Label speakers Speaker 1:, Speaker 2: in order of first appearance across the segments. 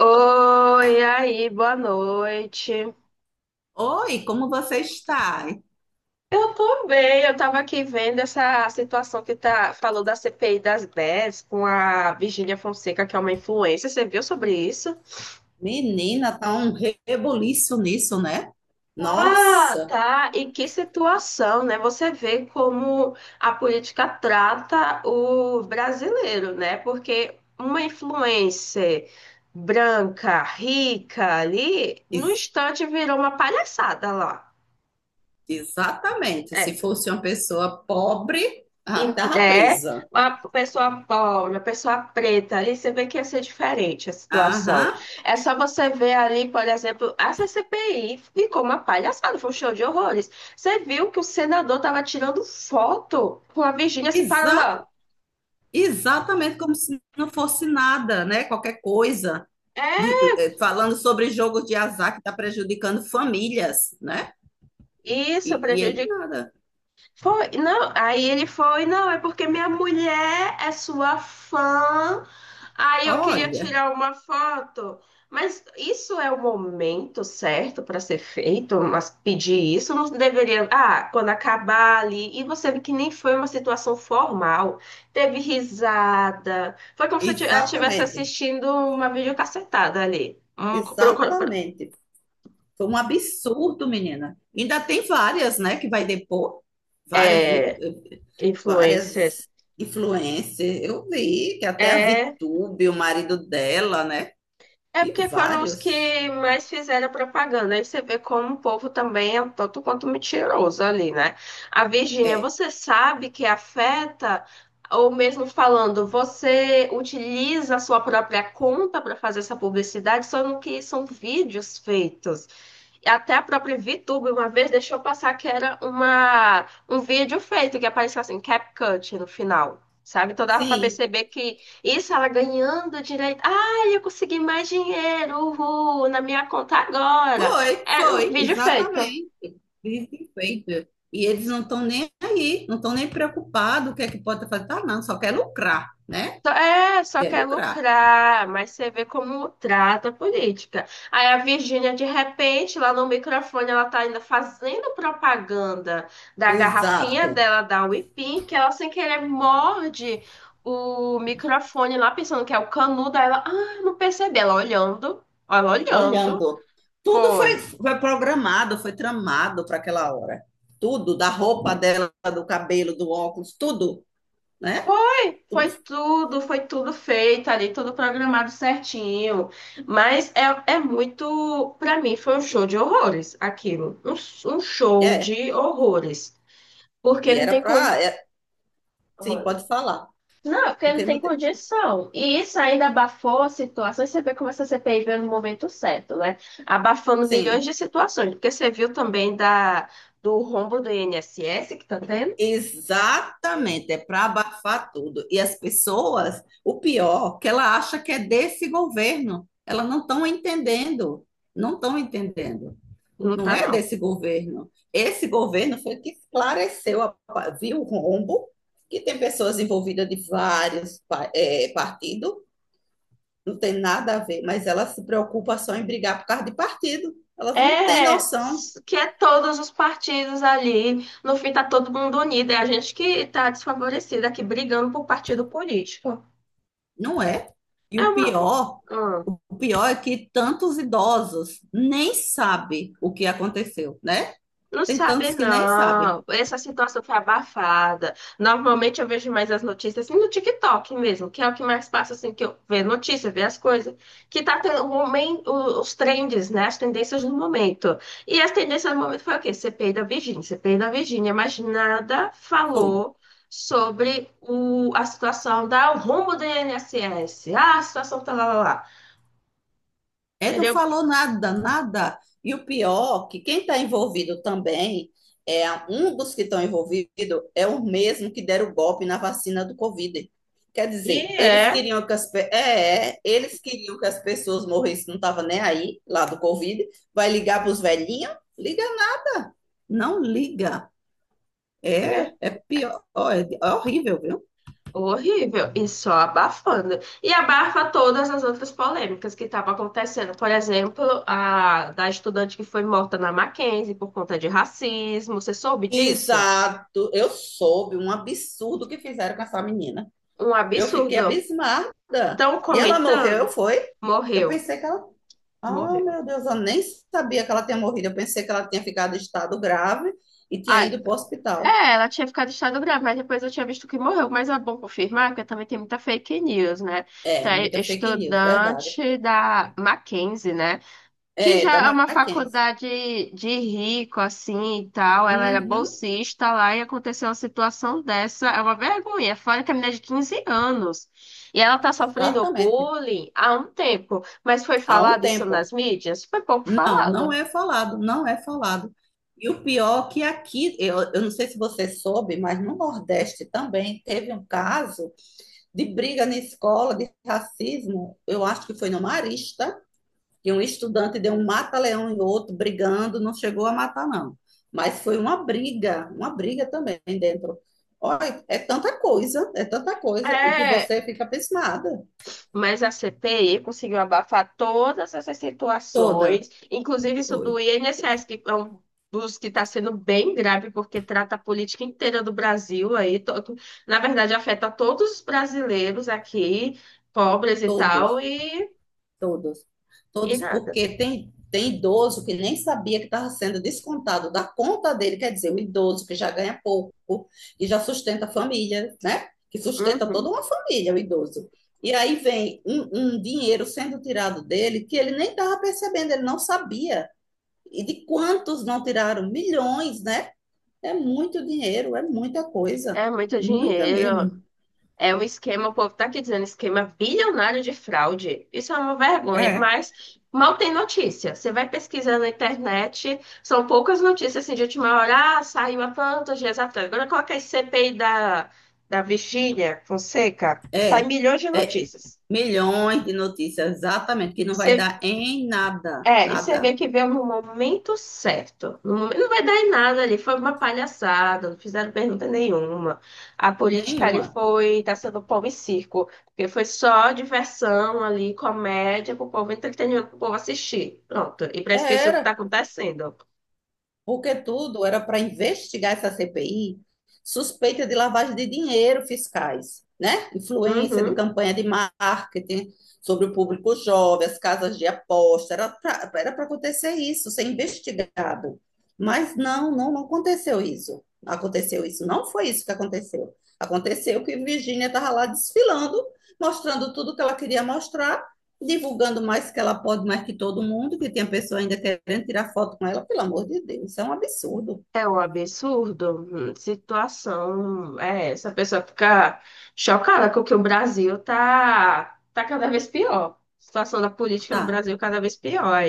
Speaker 1: Oi, aí, boa noite.
Speaker 2: Oi, como você está?
Speaker 1: Eu tô bem, eu tava aqui vendo essa situação que tá falou da CPI das 10 com a Virgínia Fonseca, que é uma influencer. Você viu sobre isso?
Speaker 2: Menina, tá um rebuliço nisso, né?
Speaker 1: Ah,
Speaker 2: Nossa,
Speaker 1: tá. E que situação, né? Você vê como a política trata o brasileiro, né? Porque uma influencer branca, rica ali, no
Speaker 2: ex-
Speaker 1: instante virou uma palhaçada lá.
Speaker 2: exatamente. Se
Speaker 1: É,
Speaker 2: fosse uma pessoa pobre,
Speaker 1: e
Speaker 2: já tava
Speaker 1: é
Speaker 2: presa.
Speaker 1: uma pessoa pobre, uma pessoa preta, ali você vê que ia ser diferente a situação.
Speaker 2: Aham,
Speaker 1: É só você ver ali, por exemplo, a CPI ficou uma palhaçada, foi um show de horrores. Você viu que o senador estava tirando foto com a Virgínia se
Speaker 2: exa
Speaker 1: parando, ó.
Speaker 2: exatamente, como se não fosse nada, né? Qualquer coisa.
Speaker 1: É
Speaker 2: Falando sobre jogo de azar que está prejudicando famílias, né? E,
Speaker 1: isso,
Speaker 2: e ele
Speaker 1: prejudicou.
Speaker 2: nada.
Speaker 1: Foi, não, aí ele foi, não, é porque minha mulher é sua fã, aí eu queria
Speaker 2: Olha,
Speaker 1: tirar uma foto. Mas isso é o momento certo para ser feito, mas pedir isso não deveria. Ah, quando acabar ali, e você vê que nem foi uma situação formal, teve risada, foi como se ela estivesse
Speaker 2: exatamente,
Speaker 1: assistindo uma videocassetada ali,
Speaker 2: exatamente. Foi um absurdo, menina. Ainda tem várias, né, que vai depor. Várias,
Speaker 1: é,
Speaker 2: eh,
Speaker 1: influencers.
Speaker 2: várias influencers. Eu vi que até a
Speaker 1: É.
Speaker 2: ViTube, o marido dela, né?
Speaker 1: É
Speaker 2: E
Speaker 1: porque foram os
Speaker 2: vários.
Speaker 1: que mais fizeram propaganda. Aí você vê como o povo também é um tanto quanto mentiroso ali, né? A Virgínia,
Speaker 2: É,
Speaker 1: você sabe que afeta, ou mesmo falando, você utiliza a sua própria conta para fazer essa publicidade, só no que são vídeos feitos. E até a própria VTube uma vez deixou passar que era um vídeo feito, que apareceu assim, CapCut no final. Sabe? Então dava pra
Speaker 2: sim.
Speaker 1: perceber que isso ela ganhando direito. Ah, eu consegui mais dinheiro, uhul, na minha conta agora. Era um vídeo feito.
Speaker 2: Exatamente. Vive feito. E eles não estão nem aí, não estão nem preocupados o que é que pode fazer. Tá, não, só quer lucrar, né?
Speaker 1: É, só
Speaker 2: Quer
Speaker 1: quer
Speaker 2: lucrar.
Speaker 1: lucrar, mas você vê como trata a política. Aí a Virgínia, de repente, lá no microfone, ela tá ainda fazendo propaganda da garrafinha
Speaker 2: Exato.
Speaker 1: dela, da Whippin, que ela sem querer morde o microfone lá, pensando que é o canudo. Aí ela, ah, não percebi. Ela olhando, ela olhando.
Speaker 2: Olhando. Tudo foi,
Speaker 1: Foi.
Speaker 2: foi programado, foi tramado para aquela hora. Tudo, da roupa dela, do cabelo, do óculos, tudo, né?
Speaker 1: Foi,
Speaker 2: Tudo.
Speaker 1: foi tudo, foi tudo feito ali, tudo programado certinho. Mas é, muito, pra mim, foi um show de horrores aquilo. Um show
Speaker 2: É.
Speaker 1: de horrores. Porque
Speaker 2: E
Speaker 1: não
Speaker 2: era
Speaker 1: tem con...
Speaker 2: para. É, sim, pode falar.
Speaker 1: Não, porque não
Speaker 2: Porque
Speaker 1: tem
Speaker 2: não tem.
Speaker 1: condição. E isso ainda abafou a situação. E você vê como essa CPI veio no momento certo, né? Abafando milhões
Speaker 2: Sim.
Speaker 1: de situações. Porque você viu também do rombo do INSS que tá tendo?
Speaker 2: Exatamente, é para abafar tudo. E as pessoas, o pior, que ela acha que é desse governo. Elas não estão entendendo, não estão entendendo.
Speaker 1: Não
Speaker 2: Não
Speaker 1: tá,
Speaker 2: é
Speaker 1: não.
Speaker 2: desse governo. Esse governo foi que esclareceu, viu o rombo, que tem pessoas envolvidas de vários partidos, não tem nada a ver, mas elas se preocupam só em brigar por causa de partido. Elas não têm
Speaker 1: É,
Speaker 2: noção,
Speaker 1: que é todos os partidos ali, no fim tá todo mundo unido, é a gente que tá desfavorecida aqui brigando por partido político.
Speaker 2: não é? E
Speaker 1: É uma. Hum.
Speaker 2: o pior é que tantos idosos nem sabem o que aconteceu, né?
Speaker 1: Não
Speaker 2: Tem
Speaker 1: sabe,
Speaker 2: tantos que nem sabem.
Speaker 1: não. Essa situação foi abafada. Normalmente eu vejo mais as notícias assim no TikTok mesmo, que é o que mais passa assim, que eu vejo notícia, ver as coisas. Que tá tendo os trends, né? As tendências do momento. E as tendências do momento foi o quê? CPI da Virgínia, CPI da Virgínia, mas nada
Speaker 2: Foi.
Speaker 1: falou sobre a situação da o rumo do INSS. Ah, a situação tá lá, lá, lá.
Speaker 2: É, não
Speaker 1: Entendeu?
Speaker 2: falou nada, nada. E o pior, que quem está envolvido também, é um dos que estão envolvidos é o mesmo que deram o golpe na vacina do Covid. Quer
Speaker 1: E
Speaker 2: dizer, eles
Speaker 1: é.
Speaker 2: queriam que as, pe- é, é, eles queriam que as pessoas morressem, não estava nem aí, lá do Covid. Vai ligar para os velhinhos? Liga não, não liga. É,
Speaker 1: Né?
Speaker 2: é pior, ó, é, é horrível, viu?
Speaker 1: Horrível, e só abafando. E abafa todas as outras polêmicas que estavam acontecendo. Por exemplo, a da estudante que foi morta na Mackenzie por conta de racismo. Você soube disso?
Speaker 2: Exato, eu soube um absurdo que fizeram com essa menina.
Speaker 1: Um
Speaker 2: Eu fiquei
Speaker 1: absurdo.
Speaker 2: abismada.
Speaker 1: Estão
Speaker 2: E ela morreu,
Speaker 1: comentando?
Speaker 2: foi? Eu
Speaker 1: Morreu,
Speaker 2: pensei que ela. Ah,
Speaker 1: morreu.
Speaker 2: meu Deus, eu nem sabia que ela tinha morrido. Eu pensei que ela tinha ficado em estado grave e tinha
Speaker 1: Ah,
Speaker 2: ido para o hospital.
Speaker 1: é, ela tinha ficado em estado grave, mas depois eu tinha visto que morreu. Mas é bom confirmar, porque também tem muita fake news, né?
Speaker 2: É,
Speaker 1: Tá,
Speaker 2: muita fake news, verdade.
Speaker 1: estudante da Mackenzie, né, que
Speaker 2: É, da
Speaker 1: já é uma
Speaker 2: Mackenzie.
Speaker 1: faculdade de rico, assim, e tal. Ela era
Speaker 2: Uhum,
Speaker 1: bolsista lá e aconteceu uma situação dessa. É uma vergonha. Fora que a menina é de 15 anos. E ela tá sofrendo
Speaker 2: exatamente.
Speaker 1: bullying há um tempo. Mas foi
Speaker 2: Há um
Speaker 1: falado isso nas
Speaker 2: tempo.
Speaker 1: mídias? Foi pouco
Speaker 2: Não, não
Speaker 1: falado.
Speaker 2: é falado, não é falado. E o pior é que aqui, eu não sei se você soube, mas no Nordeste também teve um caso de briga na escola, de racismo. Eu acho que foi no Marista, que um estudante deu um mata-leão em outro, brigando, não chegou a matar, não. Mas foi uma briga também dentro. Olha, é tanta coisa, e que
Speaker 1: É.
Speaker 2: você fica abismada.
Speaker 1: Mas a CPI conseguiu abafar todas essas
Speaker 2: Toda,
Speaker 1: situações, inclusive isso do
Speaker 2: foi,
Speaker 1: INSS, que é um dos que está sendo bem grave, porque trata a política inteira do Brasil aí, todo, na verdade afeta todos os brasileiros aqui, pobres e tal,
Speaker 2: todos.
Speaker 1: e,
Speaker 2: Todos.
Speaker 1: e
Speaker 2: Todos,
Speaker 1: nada.
Speaker 2: porque tem, tem idoso que nem sabia que estava sendo descontado da conta dele, quer dizer, o idoso que já ganha pouco e já sustenta a família, né? Que sustenta toda
Speaker 1: Uhum.
Speaker 2: uma família, o idoso. E aí vem um dinheiro sendo tirado dele que ele nem estava percebendo, ele não sabia. E de quantos não tiraram? Milhões, né? É muito dinheiro, é muita coisa.
Speaker 1: É muito
Speaker 2: Muita
Speaker 1: dinheiro.
Speaker 2: mesmo.
Speaker 1: É um esquema, o povo tá aqui dizendo esquema bilionário de fraude. Isso é uma vergonha,
Speaker 2: É,
Speaker 1: mas mal tem notícia. Você vai pesquisando na internet, são poucas notícias assim, de última hora. Ah, saiu há tantos dias atrás. Agora coloca aí CPI da, Virgínia Fonseca, sai
Speaker 2: é.
Speaker 1: milhões de
Speaker 2: É,
Speaker 1: notícias.
Speaker 2: milhões de notícias, exatamente, que não vai
Speaker 1: Você
Speaker 2: dar em nada,
Speaker 1: É, e você vê
Speaker 2: nada,
Speaker 1: que veio no momento certo. No momento, não vai dar em nada ali. Foi uma palhaçada, não fizeram pergunta nenhuma. A política ali
Speaker 2: nenhuma.
Speaker 1: foi, tá sendo pão e circo, porque foi só diversão ali, comédia, pro povo entretenimento, pro povo assistir. Pronto. E pra
Speaker 2: É,
Speaker 1: esquecer o que tá
Speaker 2: era.
Speaker 1: acontecendo.
Speaker 2: Porque tudo era para investigar essa CPI, suspeita de lavagem de dinheiro fiscais, né? Influência de
Speaker 1: Uhum.
Speaker 2: campanha de marketing sobre o público jovem, as casas de aposta, era para acontecer isso, ser investigado. Mas não, não, não aconteceu isso. Aconteceu isso, não foi isso que aconteceu. Aconteceu que Virginia estava lá desfilando, mostrando tudo que ela queria mostrar, divulgando mais que ela pode, mais que todo mundo, que tem a pessoa ainda querendo tirar foto com ela, pelo amor de Deus, isso é um absurdo.
Speaker 1: É um absurdo. Situação. É, essa pessoa fica chocada com que o Brasil tá cada vez pior. Situação da política no
Speaker 2: Tá
Speaker 1: Brasil cada vez pior.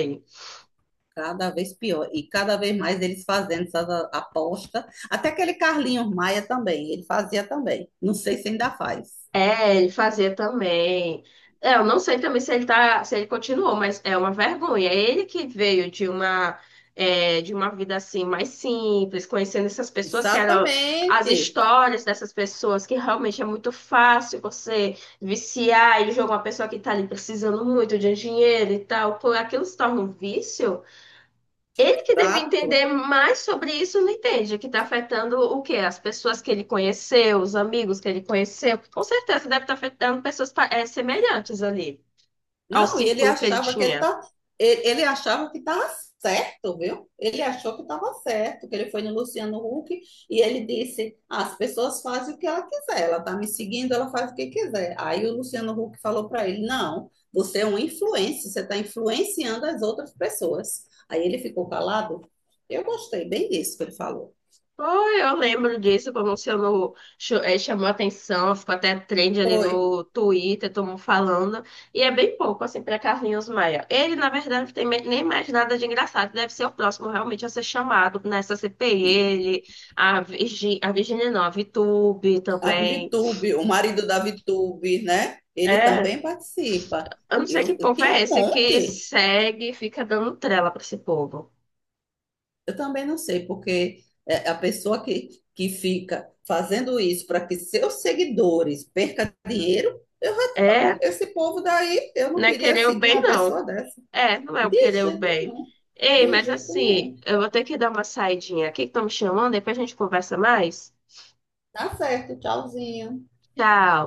Speaker 2: cada vez pior. E cada vez mais eles fazendo essas apostas. Até aquele Carlinhos Maia também, ele fazia também. Não sei se ainda faz.
Speaker 1: É, ele fazia também. É, eu não sei também se ele tá, se ele continuou, mas é uma vergonha. É. Ele que veio de uma, de uma vida assim mais simples, conhecendo essas pessoas que eram as
Speaker 2: Exatamente.
Speaker 1: histórias dessas pessoas, que realmente é muito fácil você viciar e jogar uma pessoa que tá ali precisando muito de dinheiro e tal, por aquilo se torna um vício. Ele que deve entender
Speaker 2: Exato.
Speaker 1: mais sobre isso, não entende, que está afetando o quê? As pessoas que ele conheceu, os amigos que ele conheceu. Com certeza deve estar afetando pessoas semelhantes ali ao
Speaker 2: Não, e ele
Speaker 1: círculo que ele
Speaker 2: achava que ele
Speaker 1: tinha.
Speaker 2: tá, ele achava que estava certo, viu? Ele achou que estava certo, que ele foi no Luciano Huck e ele disse: "Ah, as pessoas fazem o que ela quiser, ela está me seguindo, ela faz o que quiser." Aí o Luciano Huck falou para ele: não, você é um influencer, você está influenciando as outras pessoas. Aí ele ficou calado. Eu gostei bem disso que ele falou.
Speaker 1: Foi, eu lembro disso, como se eu não cho- eh, chamou atenção, ficou até trend ali
Speaker 2: Foi
Speaker 1: no Twitter, todo mundo falando. E é bem pouco, assim, para Carlinhos Maia. Ele, na verdade, não tem nem mais nada de engraçado. Deve ser o próximo realmente a ser chamado nessa CPI, ele, a Virgínia, não, a Vitube
Speaker 2: a
Speaker 1: também.
Speaker 2: Vitube, o marido da Vitube, né? Ele
Speaker 1: É,
Speaker 2: também participa.
Speaker 1: eu não sei que
Speaker 2: Eu
Speaker 1: povo
Speaker 2: tenho
Speaker 1: é
Speaker 2: um
Speaker 1: esse que
Speaker 2: monte.
Speaker 1: segue e fica dando trela para esse povo.
Speaker 2: Eu também não sei, porque é, a pessoa que fica fazendo isso para que seus seguidores percam dinheiro, eu já-
Speaker 1: É,
Speaker 2: esse povo daí, eu não
Speaker 1: não é
Speaker 2: queria
Speaker 1: querer o
Speaker 2: seguir
Speaker 1: bem,
Speaker 2: uma pessoa
Speaker 1: não.
Speaker 2: dessa.
Speaker 1: É, não é o
Speaker 2: De
Speaker 1: querer o
Speaker 2: jeito
Speaker 1: bem.
Speaker 2: nenhum.
Speaker 1: Ei,
Speaker 2: De
Speaker 1: mas
Speaker 2: jeito
Speaker 1: assim,
Speaker 2: nenhum.
Speaker 1: eu vou ter que dar uma saidinha aqui que estão me chamando, depois a gente conversa mais.
Speaker 2: Tá certo, tchauzinho.
Speaker 1: Tchau.